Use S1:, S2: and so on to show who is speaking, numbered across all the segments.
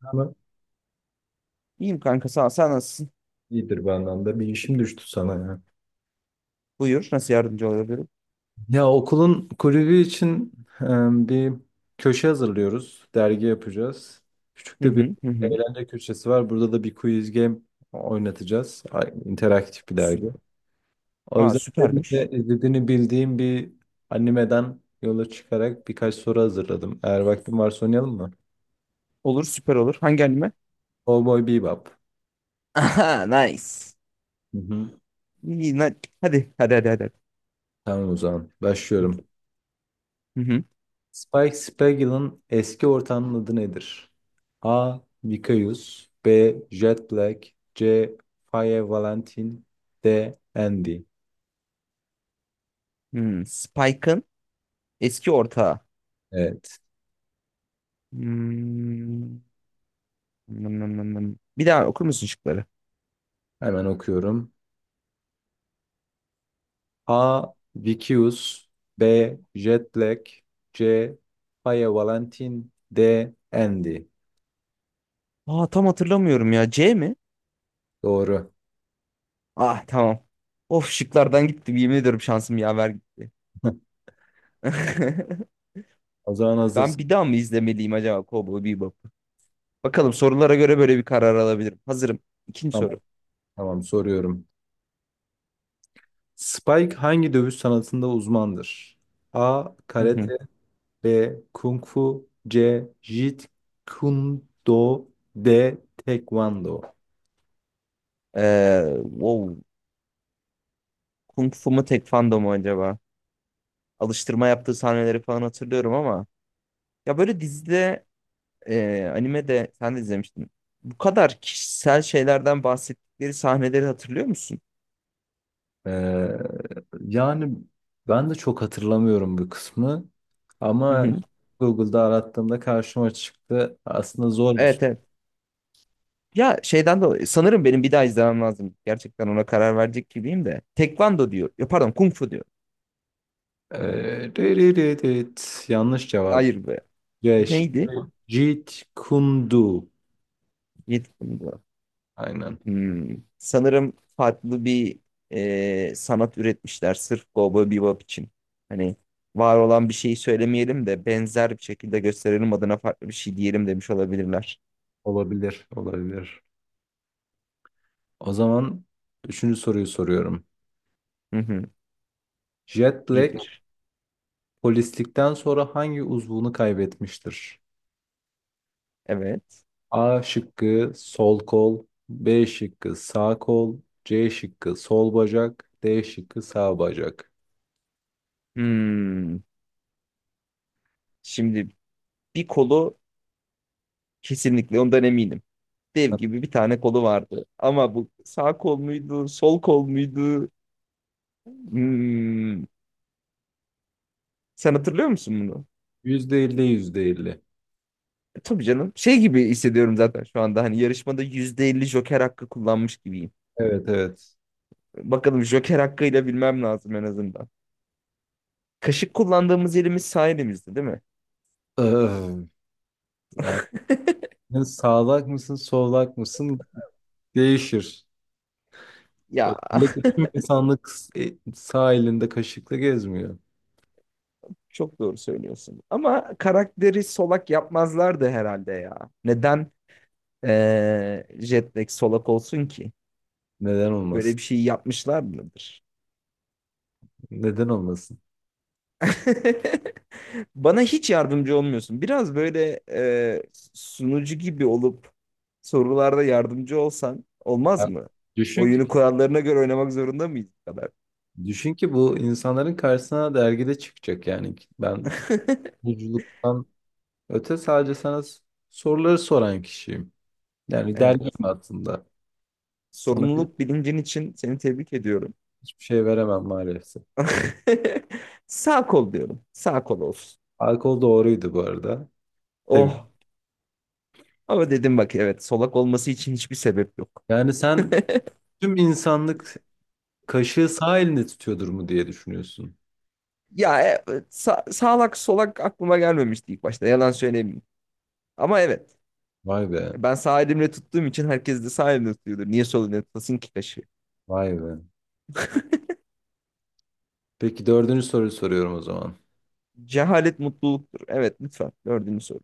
S1: Ama
S2: İyiyim kanka sağ ol. Sen nasılsın?
S1: iyidir bu anlamda. Bir işim düştü sana ya.
S2: Buyur. Nasıl yardımcı olabilirim?
S1: Ya okulun kulübü için e, bir köşe hazırlıyoruz. Dergi yapacağız. Küçük
S2: Hı
S1: de bir
S2: hı hı hı.
S1: eğlence köşesi var. Burada da bir quiz game oynatacağız. İnteraktif bir
S2: Sü-
S1: dergi. O
S2: Ha
S1: yüzden senin
S2: süpermiş.
S1: de izlediğini bildiğim bir animeden yola çıkarak birkaç soru hazırladım. Eğer vaktin varsa oynayalım mı?
S2: Olur süper olur. Hangi anime?
S1: Cowboy Bebop.
S2: Aha, nice.
S1: Hı hı.
S2: İyi, na- Hadi hadi hadi hadi.
S1: Tamam, o zaman başlıyorum.
S2: Hı hı.
S1: Spike Spiegel'ın eski ortağının adı nedir? A. Vicious, B. Jet Black, C. Faye Valentin, D. Andy.
S2: Hmm, Spike'ın eski ortağı.
S1: Evet.
S2: Hmm. nım, nım, nım, nım. Bir daha okur musun şıkları?
S1: Hemen okuyorum. A. Vicious, B. Jet Black, C. Faye Valentin, D. Andy.
S2: Aa tam hatırlamıyorum ya. C mi?
S1: Doğru.
S2: Ah tamam. Of şıklardan gitti. Yemin ediyorum şansım yaver gitti.
S1: O zaman
S2: Ben
S1: hazırsın.
S2: bir daha mı izlemeliyim acaba Cowboy Bebop? Bakalım sorulara göre böyle bir karar alabilirim. Hazırım. İkinci
S1: Tamam,
S2: soru.
S1: tamam, soruyorum. Spike hangi dövüş sanatında uzmandır? A.
S2: Hı hı.
S1: Karate, B. Kung Fu, C. Jeet Kune Do, D. Taekwondo.
S2: Wow. Kung Fu mu Tekvando mu acaba? Alıştırma yaptığı sahneleri falan hatırlıyorum ama ya böyle dizide animede sen de izlemiştin. Bu kadar kişisel şeylerden bahsettikleri sahneleri hatırlıyor musun?
S1: Ee, yani ben de çok hatırlamıyorum bu kısmı
S2: Hı
S1: ama
S2: hı.
S1: Google'da arattığımda karşıma çıktı. Aslında zormuş.
S2: Evet evet. Ya şeyden dolayı sanırım benim bir daha izlemem lazım. Gerçekten ona karar verecek gibiyim de. Tekvando diyor. Ya pardon Kung Fu diyor.
S1: Dırırırırt, yanlış cevap.
S2: Hayır be.
S1: C.
S2: Neydi?
S1: Jeet Kune Do.
S2: Yedi.
S1: Aynen.
S2: Hmm. Sanırım farklı bir sanat üretmişler sırf Cowboy Bebop için. Hani var olan bir şeyi söylemeyelim de benzer bir şekilde gösterelim adına farklı bir şey diyelim demiş olabilirler.
S1: Olabilir, olabilir. O zaman üçüncü soruyu soruyorum.
S2: Hı hı.
S1: Jet
S2: Bir
S1: Black
S2: bir.
S1: polislikten sonra hangi uzvunu kaybetmiştir?
S2: Evet.
S1: A şıkkı sol kol, B şıkkı sağ kol, C şıkkı sol bacak, D şıkkı sağ bacak.
S2: Hmm. Şimdi bir kolu kesinlikle ondan eminim. Dev gibi bir tane kolu vardı. Ama bu sağ kol muydu, sol kol muydu? Hmm. Sen hatırlıyor musun bunu?
S1: Yüzde elli, yüzde elli.
S2: Tabii canım. Şey gibi hissediyorum zaten şu anda. Hani yarışmada %50 Joker hakkı kullanmış gibiyim.
S1: Evet, evet.
S2: Bakalım Joker hakkıyla bilmem lazım en azından. Kaşık kullandığımız elimiz sağ elimizdi, değil mi?
S1: Öf, yani sen sağlak mısın solak mısın değişir.
S2: Ya
S1: Özellikle tüm insanlık sağ elinde kaşıkla gezmiyor.
S2: çok doğru söylüyorsun. Ama karakteri solak yapmazlardı herhalde ya. Neden Jetlag solak olsun ki?
S1: Neden
S2: Böyle
S1: olmasın?
S2: bir şey yapmışlar mıdır?
S1: Neden olmasın?
S2: Bana hiç yardımcı olmuyorsun. Biraz böyle sunucu gibi olup sorularda yardımcı olsan olmaz
S1: Yani
S2: mı?
S1: düşün
S2: Oyunu kurallarına göre oynamak zorunda mıyız bu kadar?
S1: düşün ki bu insanların karşısına dergide çıkacak yani. Ben buculuktan öte sadece sana soruları soran kişiyim. Yani
S2: Evet.
S1: dergim aslında. Sana
S2: Sorumluluk bilincin için seni tebrik ediyorum.
S1: hiçbir şey veremem maalesef.
S2: Sağ kol diyorum. Sağ kol olsun.
S1: Alkol doğruydu bu arada. Tabii.
S2: Oh. Ama dedim bak evet solak olması için hiçbir sebep yok.
S1: Yani sen tüm insanlık kaşığı sağ elinde tutuyordur mu diye düşünüyorsun.
S2: Ya sağlak solak aklıma gelmemişti ilk başta yalan söylemeyeyim. Ama evet,
S1: Vay be.
S2: ben sağ elimle tuttuğum için herkes de sağ elimle tutuyordur. Niye sol elimle tutasın ki taşı?
S1: Vay be. Peki, dördüncü soruyu soruyorum o zaman.
S2: Cehalet mutluluktur. Evet lütfen. Dördüncü soru.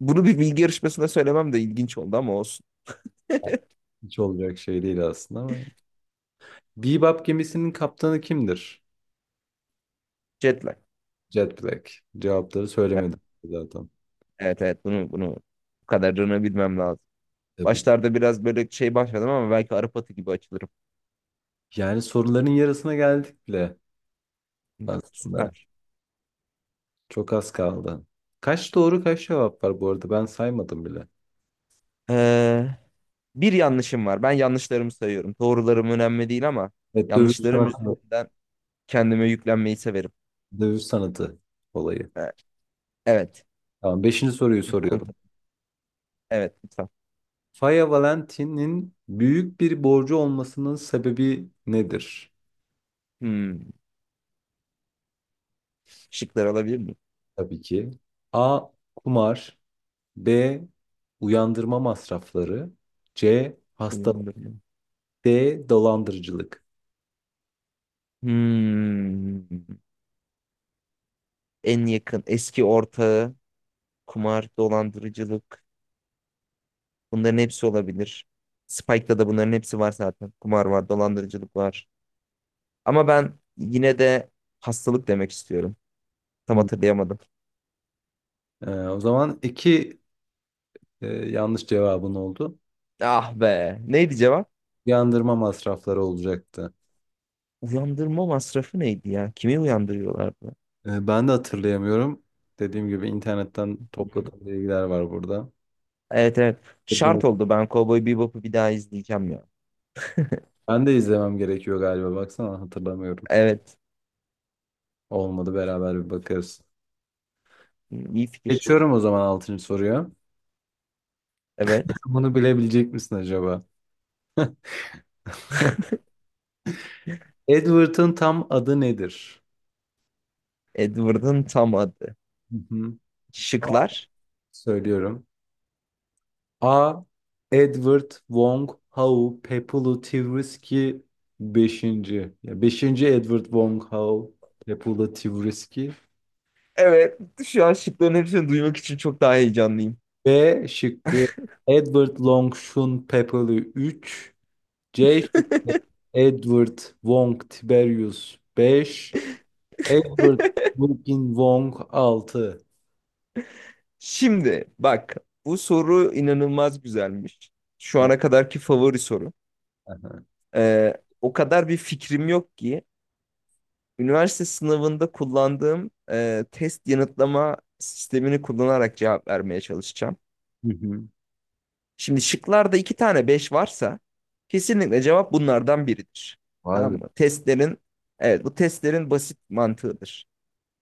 S2: Bunu bir bilgi yarışmasında söylemem de ilginç oldu ama olsun.
S1: Hiç olacak şey değil aslında ama. Bebop gemisinin kaptanı kimdir?
S2: Jet lag.
S1: Jet Black. Cevapları
S2: Evet
S1: söylemedim zaten.
S2: evet evet. Bunu bu kadarını bilmem lazım.
S1: Tabii.
S2: Başlarda biraz böyle şey başladım ama belki Arap atı gibi açılırım.
S1: Yani soruların yarısına geldik bile aslında.
S2: Süper.
S1: Çok az kaldı. Kaç doğru kaç cevap var bu arada, ben saymadım bile.
S2: Ee, bir yanlışım var. Ben yanlışlarımı sayıyorum. Doğrularım önemli değil ama
S1: Evet, dövüş
S2: yanlışlarım
S1: sanatı,
S2: üzerinden kendime yüklenmeyi severim.
S1: dövüş sanatı olayı.
S2: Evet. Evet.
S1: Tamam, beşinci soruyu
S2: Kul-
S1: soruyorum.
S2: Evet lütfen.
S1: Faya Valentin'in büyük bir borcu olmasının sebebi nedir?
S2: Hmm. Şıkları alabilir miyim?
S1: Tabii ki. A. Kumar, B. Uyandırma masrafları, C. hasta,
S2: Uyandırma.
S1: D. Dolandırıcılık.
S2: Hmm. En yakın eski ortağı, kumar, dolandırıcılık. Bunların hepsi olabilir. Spike'da da bunların hepsi var zaten. Kumar var, dolandırıcılık var. Ama ben yine de hastalık demek istiyorum. Tam
S1: Hmm.
S2: hatırlayamadım.
S1: O zaman iki yanlış cevabın oldu.
S2: Ah be. Neydi cevap?
S1: Yandırma masrafları olacaktı.
S2: Uyandırma masrafı neydi ya? Kimi uyandırıyorlardı?
S1: Ben de hatırlayamıyorum. Dediğim gibi internetten
S2: Hı hı.
S1: topladığım bilgiler var burada.
S2: Evet evet. Şart oldu. Ben Cowboy Bebop'u bir daha izleyeceğim ya.
S1: Ben de izlemem gerekiyor galiba. Baksana hatırlamıyorum.
S2: Evet.
S1: Olmadı beraber bir bakarız.
S2: İyi fikir.
S1: Geçiyorum o zaman altıncı soruya.
S2: Evet.
S1: Bunu bilebilecek misin acaba? Edward'ın tam adı nedir?
S2: Edward'ın tam adı.
S1: Hı hı.
S2: Şıklar.
S1: Söylüyorum. A. Edward Wong Howe Pepulu Tivriski beşinci. Ya 5. Edward Wong Howe Pepulu Tivriski.
S2: Evet, şu an şıkların hepsini duymak için çok daha heyecanlıyım.
S1: B şıkkı Edward Longshun Pepper'i 3, C şıkkı Edward Wong Tiberius 5, Edward Wilkin Wong 6.
S2: Şimdi bak, bu soru inanılmaz güzelmiş. Şu ana kadarki favori soru. Ee, o kadar bir fikrim yok ki üniversite sınavında kullandığım test yanıtlama sistemini kullanarak cevap vermeye çalışacağım.
S1: Hı hı.
S2: Şimdi şıklarda iki tane 5 varsa kesinlikle cevap bunlardan biridir.
S1: Vay
S2: Tamam
S1: be.
S2: mı? Testlerin, evet bu testlerin basit mantığıdır.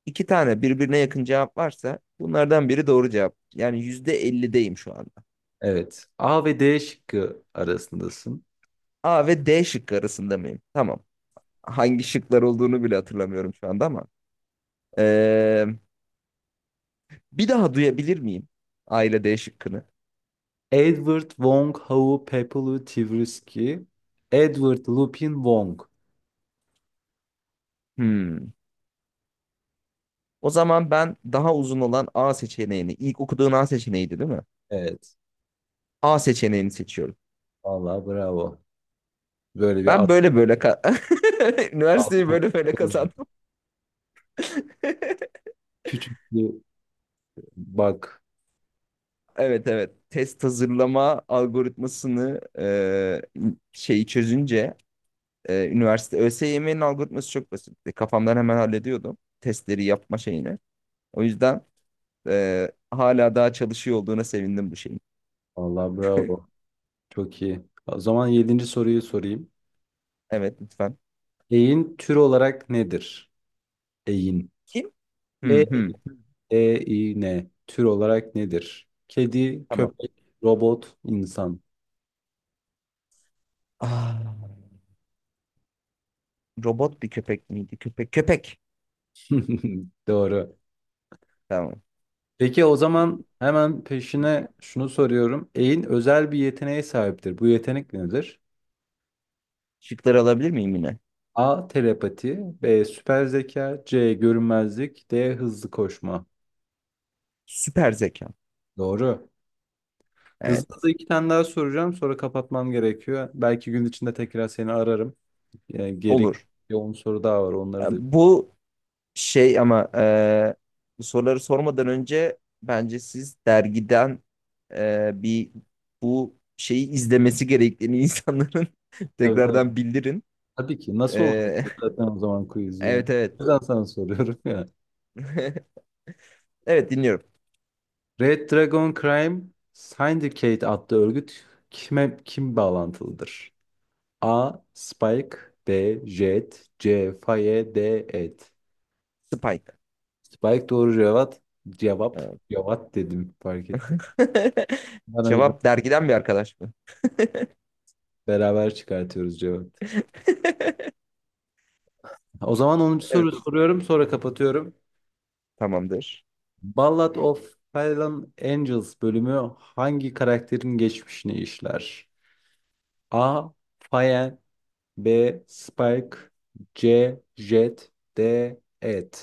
S2: İki tane birbirine yakın cevap varsa bunlardan biri doğru cevap. Yani %50'deyim şu anda.
S1: Evet. A ve D şıkkı arasındasın.
S2: A ve D şıkkı arasında mıyım? Tamam. Hangi şıklar olduğunu bile hatırlamıyorum şu anda ama. Ee, bir daha duyabilir miyim A ile D şıkkını?
S1: Edward Wong Hau Pepelu Tversky. Edward Lupin Wong.
S2: Hmm. O zaman ben daha uzun olan A seçeneğini, ilk okuduğun A seçeneğiydi değil mi?
S1: Evet.
S2: A seçeneğini seçiyorum.
S1: Vallahi bravo. Böyle bir
S2: Ben
S1: at,
S2: böyle böyle ka- üniversiteyi
S1: atma.
S2: böyle böyle kazandım.
S1: Küçük bir bak.
S2: Evet evet. Test hazırlama algoritmasını şeyi çözünce. Üniversite ÖSYM'nin algoritması çok basitti. Kafamdan hemen hallediyordum testleri yapma şeyini. O yüzden hala daha çalışıyor olduğuna sevindim bu şeyin.
S1: Vallahi bravo. Çok iyi. O zaman yedinci soruyu sorayım.
S2: Evet lütfen.
S1: Eğin tür olarak nedir? Eğin.
S2: Kim? Hı
S1: E,
S2: hı.
S1: E, İ, N. Tür olarak nedir? Kedi,
S2: Tamam.
S1: köpek, robot, insan.
S2: Ah, robot bir köpek miydi? Köpek. Köpek.
S1: Doğru.
S2: Tamam.
S1: Peki, o zaman hemen peşine şunu soruyorum. Eğin özel bir yeteneğe sahiptir. Bu yetenek nedir?
S2: Şıkları alabilir miyim yine?
S1: A. Telepati, B. Süper zeka, C. Görünmezlik, D. Hızlı koşma.
S2: Süper zeka.
S1: Doğru.
S2: Evet.
S1: Hızlı da iki tane daha soracağım. Sonra kapatmam gerekiyor. Belki gün içinde tekrar seni ararım. Yani gerek
S2: Olur.
S1: 10 soru daha var
S2: E,
S1: onları da.
S2: Bu Şey ama bu soruları sormadan önce bence siz dergiden e, bir bu şeyi izlemesi gerektiğini insanların
S1: Tabii, tabii.
S2: tekrardan bildirin.
S1: Tabii ki. Nasıl
S2: E,
S1: olacak zaten o zaman quiz'i yani.
S2: evet evet.
S1: O yüzden sana soruyorum ya.
S2: Evet dinliyorum.
S1: Red Dragon Crime Syndicate adlı örgüt kime kim bağlantılıdır? A. Spike, B. Jet, C. Faye, D. Ed.
S2: Spike.
S1: Spike doğru cevap. Cevap.
S2: Evet.
S1: Cevap dedim, fark ettim. Ben o
S2: Cevap dergiden bir arkadaş mı?
S1: beraber çıkartıyoruz cevap. O zaman onuncu soru
S2: Evet.
S1: soruyorum, sonra kapatıyorum.
S2: Tamamdır.
S1: Ballad of Fallen Angels bölümü hangi karakterin geçmişini işler? A. Faye, B. Spike, C. Jet, D. Ed.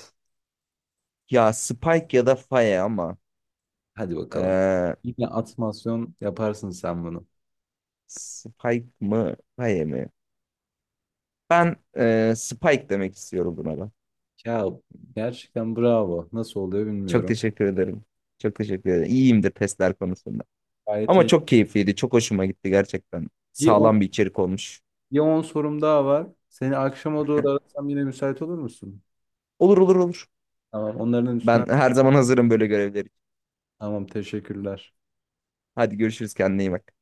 S2: Ya Spike ya da Faye ama
S1: Hadi bakalım.
S2: e,
S1: Yine atmasyon yaparsın sen bunu.
S2: Spike mı Faye mi? Ben Spike demek istiyorum buna da.
S1: Ya gerçekten bravo. Nasıl oluyor
S2: Çok
S1: bilmiyorum.
S2: teşekkür ederim. Çok teşekkür ederim. İyiyimdir testler konusunda.
S1: Gayet
S2: Ama
S1: iyi.
S2: çok keyifliydi. Çok hoşuma gitti gerçekten.
S1: Bir on
S2: Sağlam bir içerik olmuş.
S1: bir on sorum daha var. Seni akşama doğru arasam yine müsait olur musun?
S2: Olur olur olur.
S1: Tamam, onların üstüne.
S2: Ben her zaman hazırım böyle görevler için.
S1: Tamam, teşekkürler.
S2: Hadi görüşürüz. Kendine iyi bak.